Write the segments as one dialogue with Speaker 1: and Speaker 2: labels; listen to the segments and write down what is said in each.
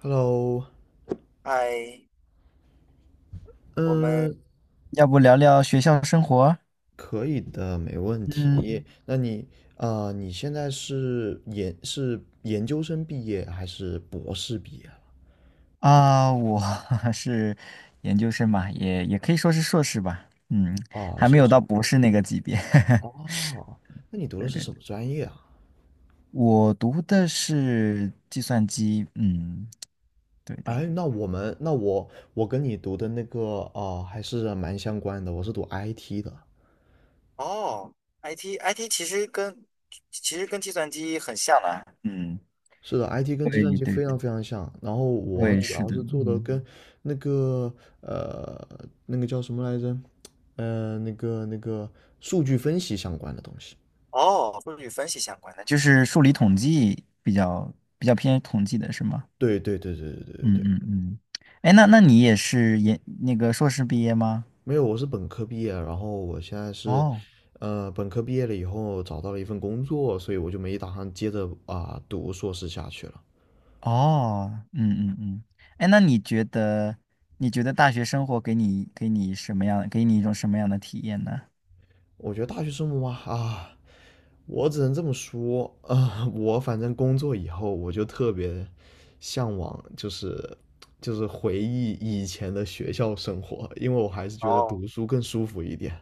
Speaker 1: Hello，
Speaker 2: 嗨，我们
Speaker 1: 嗯，
Speaker 2: 要不聊聊学校生活？
Speaker 1: 可以的，没问题。
Speaker 2: 嗯，
Speaker 1: 那你现在是研究生毕业还是博士毕业了？
Speaker 2: 啊，我 是研究生嘛，也可以说是硕士吧，嗯，
Speaker 1: 啊，
Speaker 2: 还没
Speaker 1: 硕
Speaker 2: 有
Speaker 1: 士。
Speaker 2: 到博士那个级别。
Speaker 1: 哦，那你读的
Speaker 2: 对
Speaker 1: 是
Speaker 2: 对，
Speaker 1: 什么专业啊？
Speaker 2: 我读的是计算机，嗯，对对，
Speaker 1: 哎，那我跟你读的那个还是蛮相关的。我是读 IT 的。
Speaker 2: 哦，IT 其实跟计算机很像的，嗯，
Speaker 1: 是的，IT 跟计
Speaker 2: 对
Speaker 1: 算机
Speaker 2: 对
Speaker 1: 非
Speaker 2: 对，
Speaker 1: 常非常像。然后我
Speaker 2: 对，嗯
Speaker 1: 主
Speaker 2: 是
Speaker 1: 要
Speaker 2: 的，
Speaker 1: 是做的
Speaker 2: 嗯，
Speaker 1: 跟那个呃那个叫什么来着，那个数据分析相关的东西。
Speaker 2: 哦，数据分析相关的。就是数理统计比较偏统计的是吗？
Speaker 1: 对对对对对对对
Speaker 2: 嗯
Speaker 1: 对，
Speaker 2: 嗯嗯，哎，那你也是那个硕士毕业吗？
Speaker 1: 没有，我是本科毕业，然后我现在
Speaker 2: 哦
Speaker 1: 本科毕业了以后找到了一份工作，所以我就没打算接着读硕士下去了。
Speaker 2: 哦，嗯嗯嗯，哎，那你觉得大学生活给你什么样，给你一种什么样的体验呢？
Speaker 1: 我觉得大学生活嘛，啊，我只能这么说啊，我反正工作以后，我就特别向往，就是回忆以前的学校生活，因为我还是觉得
Speaker 2: 哦，
Speaker 1: 读书更舒服一点。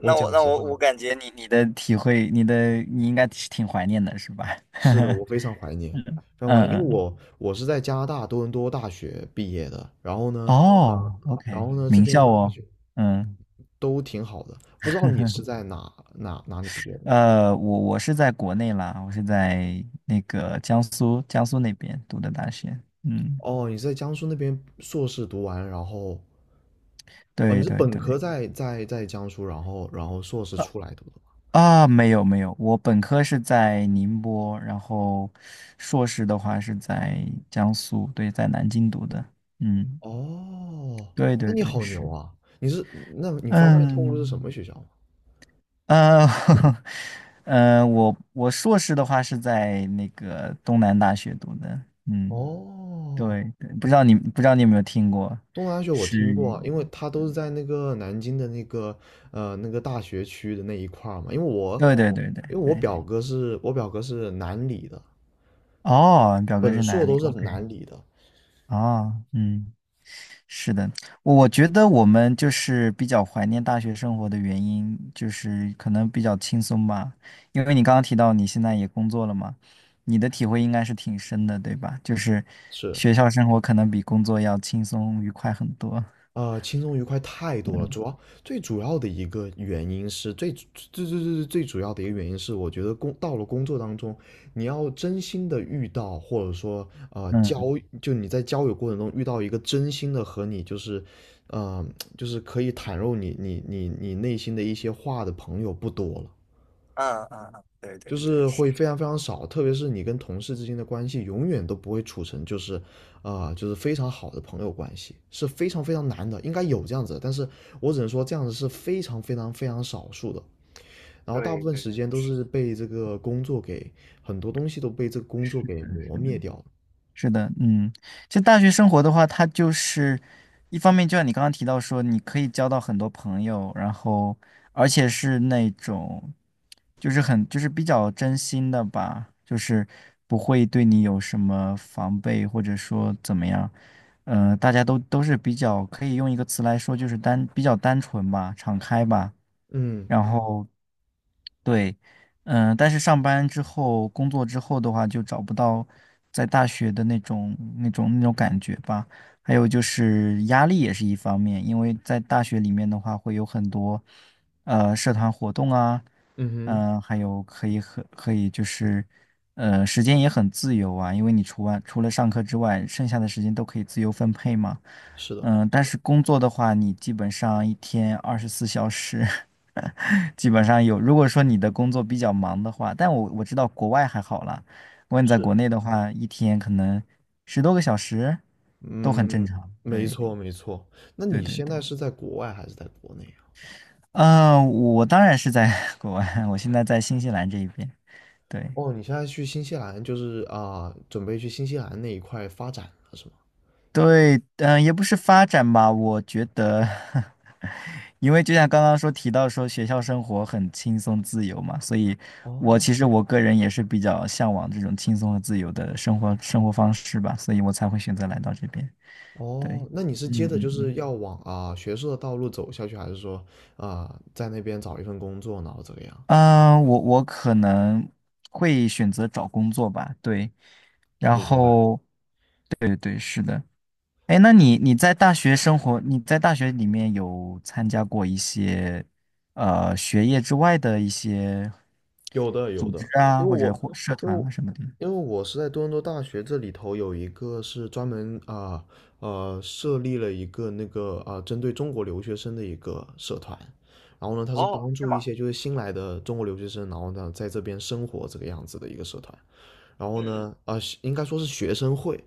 Speaker 1: 我
Speaker 2: 那我
Speaker 1: 讲
Speaker 2: 那
Speaker 1: 实
Speaker 2: 我
Speaker 1: 话，
Speaker 2: 我感觉你的体会，你应该是挺怀念的，是吧？
Speaker 1: 是的，我非常怀念，非常怀
Speaker 2: 嗯
Speaker 1: 念，因为
Speaker 2: 嗯，
Speaker 1: 我是在加拿大多伦多大学毕业的，然后呢，呃，
Speaker 2: 哦，OK,
Speaker 1: 然后 呢，这
Speaker 2: 名校
Speaker 1: 边大
Speaker 2: 哦，
Speaker 1: 学
Speaker 2: 嗯，
Speaker 1: 都挺好的，不知道你是 在哪里毕业的？
Speaker 2: 我是在国内啦，我是在那个江苏那边读的大学，嗯。
Speaker 1: 哦，你在江苏那边硕士读完，然后哦，你
Speaker 2: 对
Speaker 1: 是
Speaker 2: 对
Speaker 1: 本
Speaker 2: 对，
Speaker 1: 科在江苏，然后硕士
Speaker 2: 啊
Speaker 1: 出来读的吗？
Speaker 2: 啊，没有没有，我本科是在宁波，然后硕士的话是在江苏，对，在南京读的。嗯，
Speaker 1: 哦，
Speaker 2: 对
Speaker 1: 那
Speaker 2: 对
Speaker 1: 你
Speaker 2: 对，
Speaker 1: 好牛
Speaker 2: 是，
Speaker 1: 啊！那你方便透露是什
Speaker 2: 嗯，
Speaker 1: 么学校吗？
Speaker 2: 呃，我硕士的话是在那个东南大学读的。嗯，
Speaker 1: 哦，
Speaker 2: 对对，不知道你有没有听过？
Speaker 1: 东南大学我听过
Speaker 2: 是，
Speaker 1: 啊，因为它都是在那个南京的那个大学区的那一块儿嘛。因为我
Speaker 2: 对对对
Speaker 1: 因为
Speaker 2: 对
Speaker 1: 我
Speaker 2: 对。
Speaker 1: 表哥是南理的，
Speaker 2: 哦，表哥
Speaker 1: 本
Speaker 2: 是
Speaker 1: 硕
Speaker 2: 南理
Speaker 1: 都是
Speaker 2: ？OK,
Speaker 1: 南理的，
Speaker 2: 哦，嗯。是的，我觉得我们就是比较怀念大学生活的原因，就是可能比较轻松吧。因为你刚刚提到你现在也工作了嘛，你的体会应该是挺深的，对吧？就是
Speaker 1: 是。
Speaker 2: 学校生活可能比工作要轻松愉快很多。
Speaker 1: 轻松愉快太多了。
Speaker 2: 嗯，
Speaker 1: 主要最主要的一个原因是最主要的一个原因是，我觉得到了工作当中，你要真心的遇到，或者说
Speaker 2: 嗯
Speaker 1: 就你在交友过程中遇到一个真心的和你就是，呃，就是可以袒露你内心的一些话的朋友不多了。
Speaker 2: 嗯嗯，嗯，对对
Speaker 1: 就
Speaker 2: 对，
Speaker 1: 是
Speaker 2: 是
Speaker 1: 会
Speaker 2: 的，
Speaker 1: 非常非常少，特别是你跟同事之间的关系，永远都不会处成就是就是非常好的朋友关系，是非常非常难的。应该有这样子的，但是我只能说这样子是非常非常非常少数的。然后大部
Speaker 2: 对
Speaker 1: 分
Speaker 2: 对。
Speaker 1: 时间都是被这个工作给，很多东西都被这个工作给磨灭掉了。
Speaker 2: 是的，嗯，其实大学生活的话，它就是一方面，就像你刚刚提到说，你可以交到很多朋友，然后而且是那种就是很就是比较真心的吧，就是不会对你有什么防备或者说怎么样，嗯，大家都是比较可以用一个词来说，就是比较单纯吧，敞开吧，
Speaker 1: 嗯，
Speaker 2: 然后对，嗯、但是上班之后，工作之后的话，就找不到在大学的那种感觉吧。还有就是压力也是一方面，因为在大学里面的话，会有很多社团活动啊，
Speaker 1: 嗯哼，
Speaker 2: 嗯、还有可以就是时间也很自由啊，因为你除了上课之外，剩下的时间都可以自由分配嘛。
Speaker 1: 是的，
Speaker 2: 嗯，但是工作的话，你基本上一天24小时，基本上有。如果说你的工作比较忙的话，但我知道国外还好啦。如果你在
Speaker 1: 是。
Speaker 2: 国内的话，一天可能10多个小时都很正
Speaker 1: 嗯，
Speaker 2: 常。
Speaker 1: 没
Speaker 2: 对，
Speaker 1: 错没错。那
Speaker 2: 对
Speaker 1: 你
Speaker 2: 对
Speaker 1: 现
Speaker 2: 对。
Speaker 1: 在是在国外还是在国内啊？
Speaker 2: 嗯、我当然是在 国外，我现在在新西兰这一边。对，
Speaker 1: 哦，你现在去新西兰，就是准备去新西兰那一块发展了，是吗？
Speaker 2: 对，嗯、也不是发展吧，我觉得，因为就像刚刚提到说学校生活很轻松自由嘛，所以我
Speaker 1: 哦
Speaker 2: 其实我个人也是比较向往这种轻松和自由的生活方式吧，所以我才会选择来到这边。对，
Speaker 1: 哦，那你是
Speaker 2: 嗯
Speaker 1: 接着就是
Speaker 2: 嗯
Speaker 1: 要往学术的道路走下去，还是说在那边找一份工作，然后怎么样？
Speaker 2: 嗯，啊、我可能会选择找工作吧，对，然
Speaker 1: 明白。
Speaker 2: 后对对是的。哎，那你在大学里面有参加过一些学业之外的一些
Speaker 1: 有的有
Speaker 2: 组
Speaker 1: 的，
Speaker 2: 织啊，
Speaker 1: 因为
Speaker 2: 或者
Speaker 1: 我
Speaker 2: 或社
Speaker 1: 因
Speaker 2: 团
Speaker 1: 为
Speaker 2: 啊什么的？
Speaker 1: 因为我是在多伦多大学这里头有一个是专门设立了一个那个针对中国留学生的一个社团，然后呢，它是
Speaker 2: 哦，
Speaker 1: 帮
Speaker 2: 是
Speaker 1: 助一
Speaker 2: 吗？
Speaker 1: 些就是新来的中国留学生，然后呢在这边生活这个样子的一个社团。然后
Speaker 2: 嗯
Speaker 1: 呢，应该说是学生会。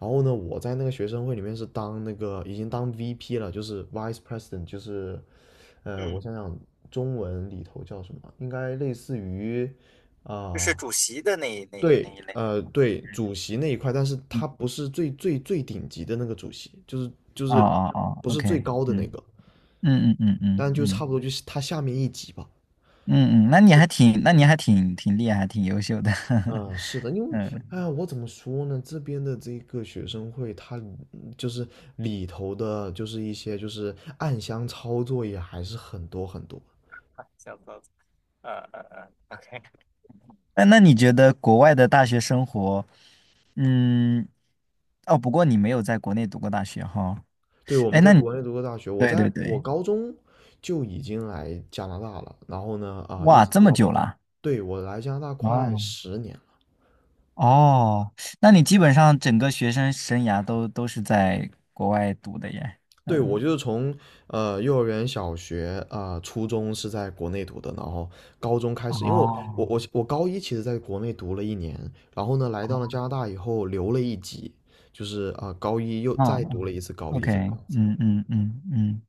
Speaker 1: 然后呢，我在那个学生会里面是当那个已经当 VP 了，就是 Vice President，就是
Speaker 2: 嗯
Speaker 1: 我
Speaker 2: 嗯，
Speaker 1: 想想中文里头叫什么，应该类似于
Speaker 2: 就是
Speaker 1: 啊、
Speaker 2: 主席的那一那一那
Speaker 1: 对，
Speaker 2: 一类。
Speaker 1: 对，主席那一块，但是他不是最顶级的那个主席，就
Speaker 2: 哦
Speaker 1: 是
Speaker 2: 哦哦
Speaker 1: 不是
Speaker 2: ，OK,
Speaker 1: 最高的那
Speaker 2: 嗯
Speaker 1: 个，
Speaker 2: 嗯嗯嗯嗯
Speaker 1: 但就
Speaker 2: 嗯
Speaker 1: 差不多就是他下面一级吧。
Speaker 2: 嗯嗯，那你还挺厉害，挺优秀的，
Speaker 1: 嗯，是的，因 为，
Speaker 2: 嗯
Speaker 1: 哎呀，我怎么说呢？这边的这个学生会，他就是里头的，就是一些就是暗箱操作也还是很多很多。
Speaker 2: OK。那你觉得国外的大学生活，嗯，哦，不过你没有在国内读过大学哈。
Speaker 1: 对，我们
Speaker 2: 哎，
Speaker 1: 在
Speaker 2: 那你
Speaker 1: 国内读过大学，
Speaker 2: 对对
Speaker 1: 我
Speaker 2: 对，
Speaker 1: 高中就已经来加拿大了，然后呢，一
Speaker 2: 哇，
Speaker 1: 直
Speaker 2: 这
Speaker 1: 读
Speaker 2: 么
Speaker 1: 到
Speaker 2: 久
Speaker 1: 本，
Speaker 2: 啦？
Speaker 1: 对，我来加拿大快
Speaker 2: 哦
Speaker 1: 十年。
Speaker 2: 哦，那你基本上整个学生生涯都是在国外读的耶。
Speaker 1: 对，
Speaker 2: 嗯，
Speaker 1: 我就是从幼儿园、小学初中是在国内读的，然后高中开始，因为
Speaker 2: 哦，
Speaker 1: 我高一其实在国内读了一年，然后呢来到了加拿大以后留了一级，就是高一又
Speaker 2: 嗯
Speaker 1: 再读了
Speaker 2: 嗯
Speaker 1: 一次高一
Speaker 2: ，OK,
Speaker 1: 这个样子。
Speaker 2: 嗯嗯嗯嗯。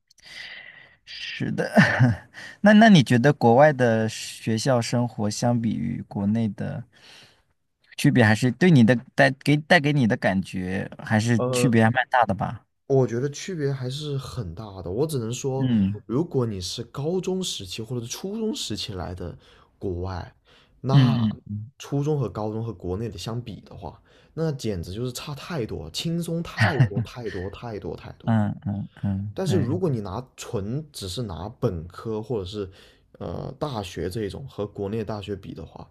Speaker 2: 是的，那你觉得国外的学校生活相比于国内的区别，还是对你的带给带给你的感觉，还是区
Speaker 1: 呃，
Speaker 2: 别还蛮大的吧？
Speaker 1: 我觉得区别还是很大的。我只能说，
Speaker 2: 嗯
Speaker 1: 如果你是高中时期或者是初中时期来的国外，那
Speaker 2: 嗯嗯
Speaker 1: 初中和高中和国内的相比的话，那简直就是差太多，轻松太多太多太多太多。
Speaker 2: 嗯嗯嗯，
Speaker 1: 但是
Speaker 2: 对，
Speaker 1: 如果你拿纯只是拿本科或者是大学这种和国内大学比的话，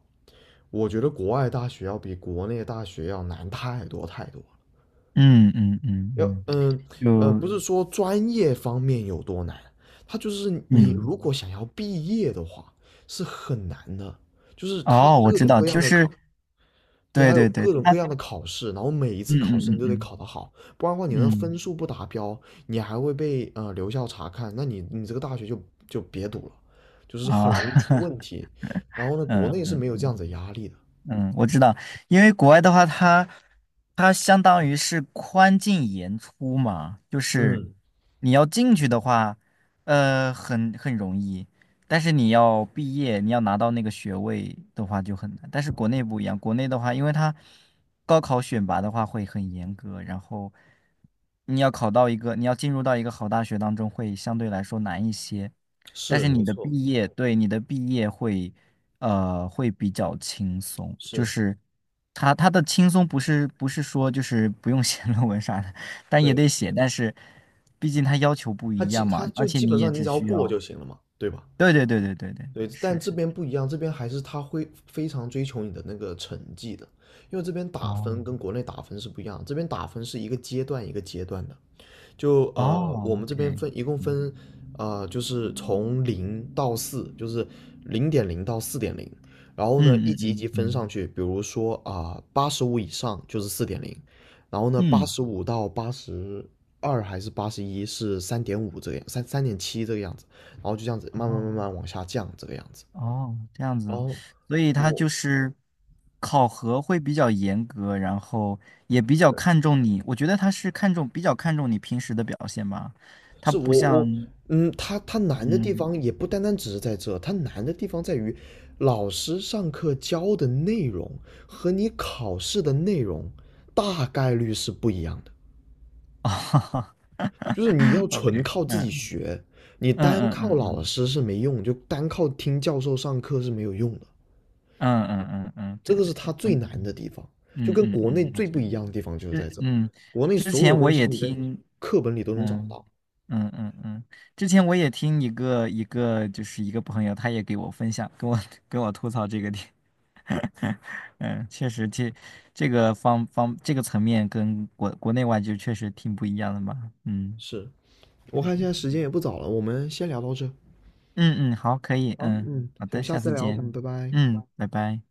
Speaker 1: 我觉得国外大学要比国内大学要难太多太多。
Speaker 2: 嗯嗯嗯
Speaker 1: 要
Speaker 2: 嗯，
Speaker 1: 嗯
Speaker 2: 就
Speaker 1: 不是说专业方面有多难，它就是你
Speaker 2: 嗯，
Speaker 1: 如果想要毕业的话是很难的，就是他
Speaker 2: 哦，我
Speaker 1: 各
Speaker 2: 知
Speaker 1: 种
Speaker 2: 道，
Speaker 1: 各样
Speaker 2: 就
Speaker 1: 的
Speaker 2: 是
Speaker 1: 考，对，
Speaker 2: 对
Speaker 1: 还有
Speaker 2: 对对，
Speaker 1: 各种各
Speaker 2: 他，
Speaker 1: 样的考试，然后每一次
Speaker 2: 嗯
Speaker 1: 考试
Speaker 2: 嗯
Speaker 1: 你
Speaker 2: 嗯
Speaker 1: 都得
Speaker 2: 嗯
Speaker 1: 考得好，不然的话你的
Speaker 2: 嗯
Speaker 1: 分数不达标，你还会被留校察看，那你这个大学就别读了，就是
Speaker 2: 啊，
Speaker 1: 很容易出问 题。然后呢，国
Speaker 2: 嗯
Speaker 1: 内是
Speaker 2: 嗯
Speaker 1: 没有这样子的压力的。
Speaker 2: 嗯，我知道，因为国外的话，它相当于是宽进严出嘛，就是
Speaker 1: 嗯，
Speaker 2: 你要进去的话，很容易，但是你要毕业，你要拿到那个学位的话就很难。但是国内不一样，国内的话，因为它高考选拔的话会很严格，然后你要进入到一个好大学当中会相对来说难一些。但
Speaker 1: 是
Speaker 2: 是
Speaker 1: 没
Speaker 2: 你的
Speaker 1: 错，
Speaker 2: 毕业，对，你的毕业会，会比较轻松，就
Speaker 1: 是
Speaker 2: 是他的轻松不是说就是不用写 论文啥的，但也
Speaker 1: 对，
Speaker 2: 得写，但是毕竟他要求不一样嘛，
Speaker 1: 他
Speaker 2: 而
Speaker 1: 就
Speaker 2: 且
Speaker 1: 基本
Speaker 2: 你也
Speaker 1: 上你
Speaker 2: 只
Speaker 1: 只要
Speaker 2: 需
Speaker 1: 过
Speaker 2: 要，
Speaker 1: 就行了嘛，对吧？
Speaker 2: 对对对对对对对，
Speaker 1: 对，但
Speaker 2: 是
Speaker 1: 这
Speaker 2: 是，
Speaker 1: 边不一样，这边还是他会非常追求你的那个成绩的，因为这边打分跟
Speaker 2: 哦
Speaker 1: 国内打分是不一样，这边打分是一个阶段一个阶段的，
Speaker 2: 哦
Speaker 1: 我们这边
Speaker 2: ，OK,
Speaker 1: 分一共
Speaker 2: 嗯
Speaker 1: 分，就是从零到四，就是零点零到四点零，然后呢，一
Speaker 2: 嗯
Speaker 1: 级一
Speaker 2: 嗯
Speaker 1: 级分
Speaker 2: 嗯
Speaker 1: 上去，比如说啊，八十五以上就是四点零，然后呢，八
Speaker 2: 嗯，
Speaker 1: 十五到八十二还是八十一是三点五这个样，三点七这个样子，然后就这样子慢
Speaker 2: 哦。
Speaker 1: 慢往下降这个样子。
Speaker 2: 哦，这样
Speaker 1: 然
Speaker 2: 子，
Speaker 1: 后
Speaker 2: 所以他
Speaker 1: 我
Speaker 2: 就是考核会比较严格，然后也比较看重你。我觉得他是看重，比较看重你平时的表现吧。他
Speaker 1: 是
Speaker 2: 不
Speaker 1: 我
Speaker 2: 像，
Speaker 1: 我嗯，他难的地
Speaker 2: 嗯，
Speaker 1: 方也不单单只是在这，他难的地方在于老师上课教的内容和你考试的内容大概率是不一样的。
Speaker 2: 哦
Speaker 1: 就是你要
Speaker 2: ，OK,
Speaker 1: 纯靠自己
Speaker 2: 嗯
Speaker 1: 学，你单
Speaker 2: 嗯
Speaker 1: 靠
Speaker 2: 嗯
Speaker 1: 老
Speaker 2: 嗯
Speaker 1: 师是没用，就单靠听教授上课是没有用的。
Speaker 2: 嗯嗯嗯嗯嗯，
Speaker 1: 这
Speaker 2: 对
Speaker 1: 个是
Speaker 2: 对
Speaker 1: 他
Speaker 2: 对，
Speaker 1: 最难的地方，就跟国内
Speaker 2: 我
Speaker 1: 最
Speaker 2: 觉
Speaker 1: 不
Speaker 2: 得，
Speaker 1: 一样的地方就是在
Speaker 2: 这
Speaker 1: 这，
Speaker 2: 嗯，
Speaker 1: 国内
Speaker 2: 之
Speaker 1: 所有
Speaker 2: 前我
Speaker 1: 东西
Speaker 2: 也
Speaker 1: 你在
Speaker 2: 听。
Speaker 1: 课本里都能找
Speaker 2: 嗯
Speaker 1: 到。
Speaker 2: 嗯嗯嗯，之前我也听一个朋友，他也给我分享，跟我 跟我吐槽这个点。嗯，确实这这个方方这个层面跟国内外就确实挺不一样的嘛。嗯，
Speaker 1: 是，我
Speaker 2: 是是。
Speaker 1: 看现在时间也不早了，我们先聊到这。
Speaker 2: 嗯嗯，好，可以。
Speaker 1: 好，
Speaker 2: 嗯，
Speaker 1: 嗯，
Speaker 2: 好
Speaker 1: 我
Speaker 2: 的，
Speaker 1: 们下
Speaker 2: 下
Speaker 1: 次
Speaker 2: 次
Speaker 1: 聊，
Speaker 2: 见。
Speaker 1: 嗯，拜拜。
Speaker 2: 嗯，拜拜。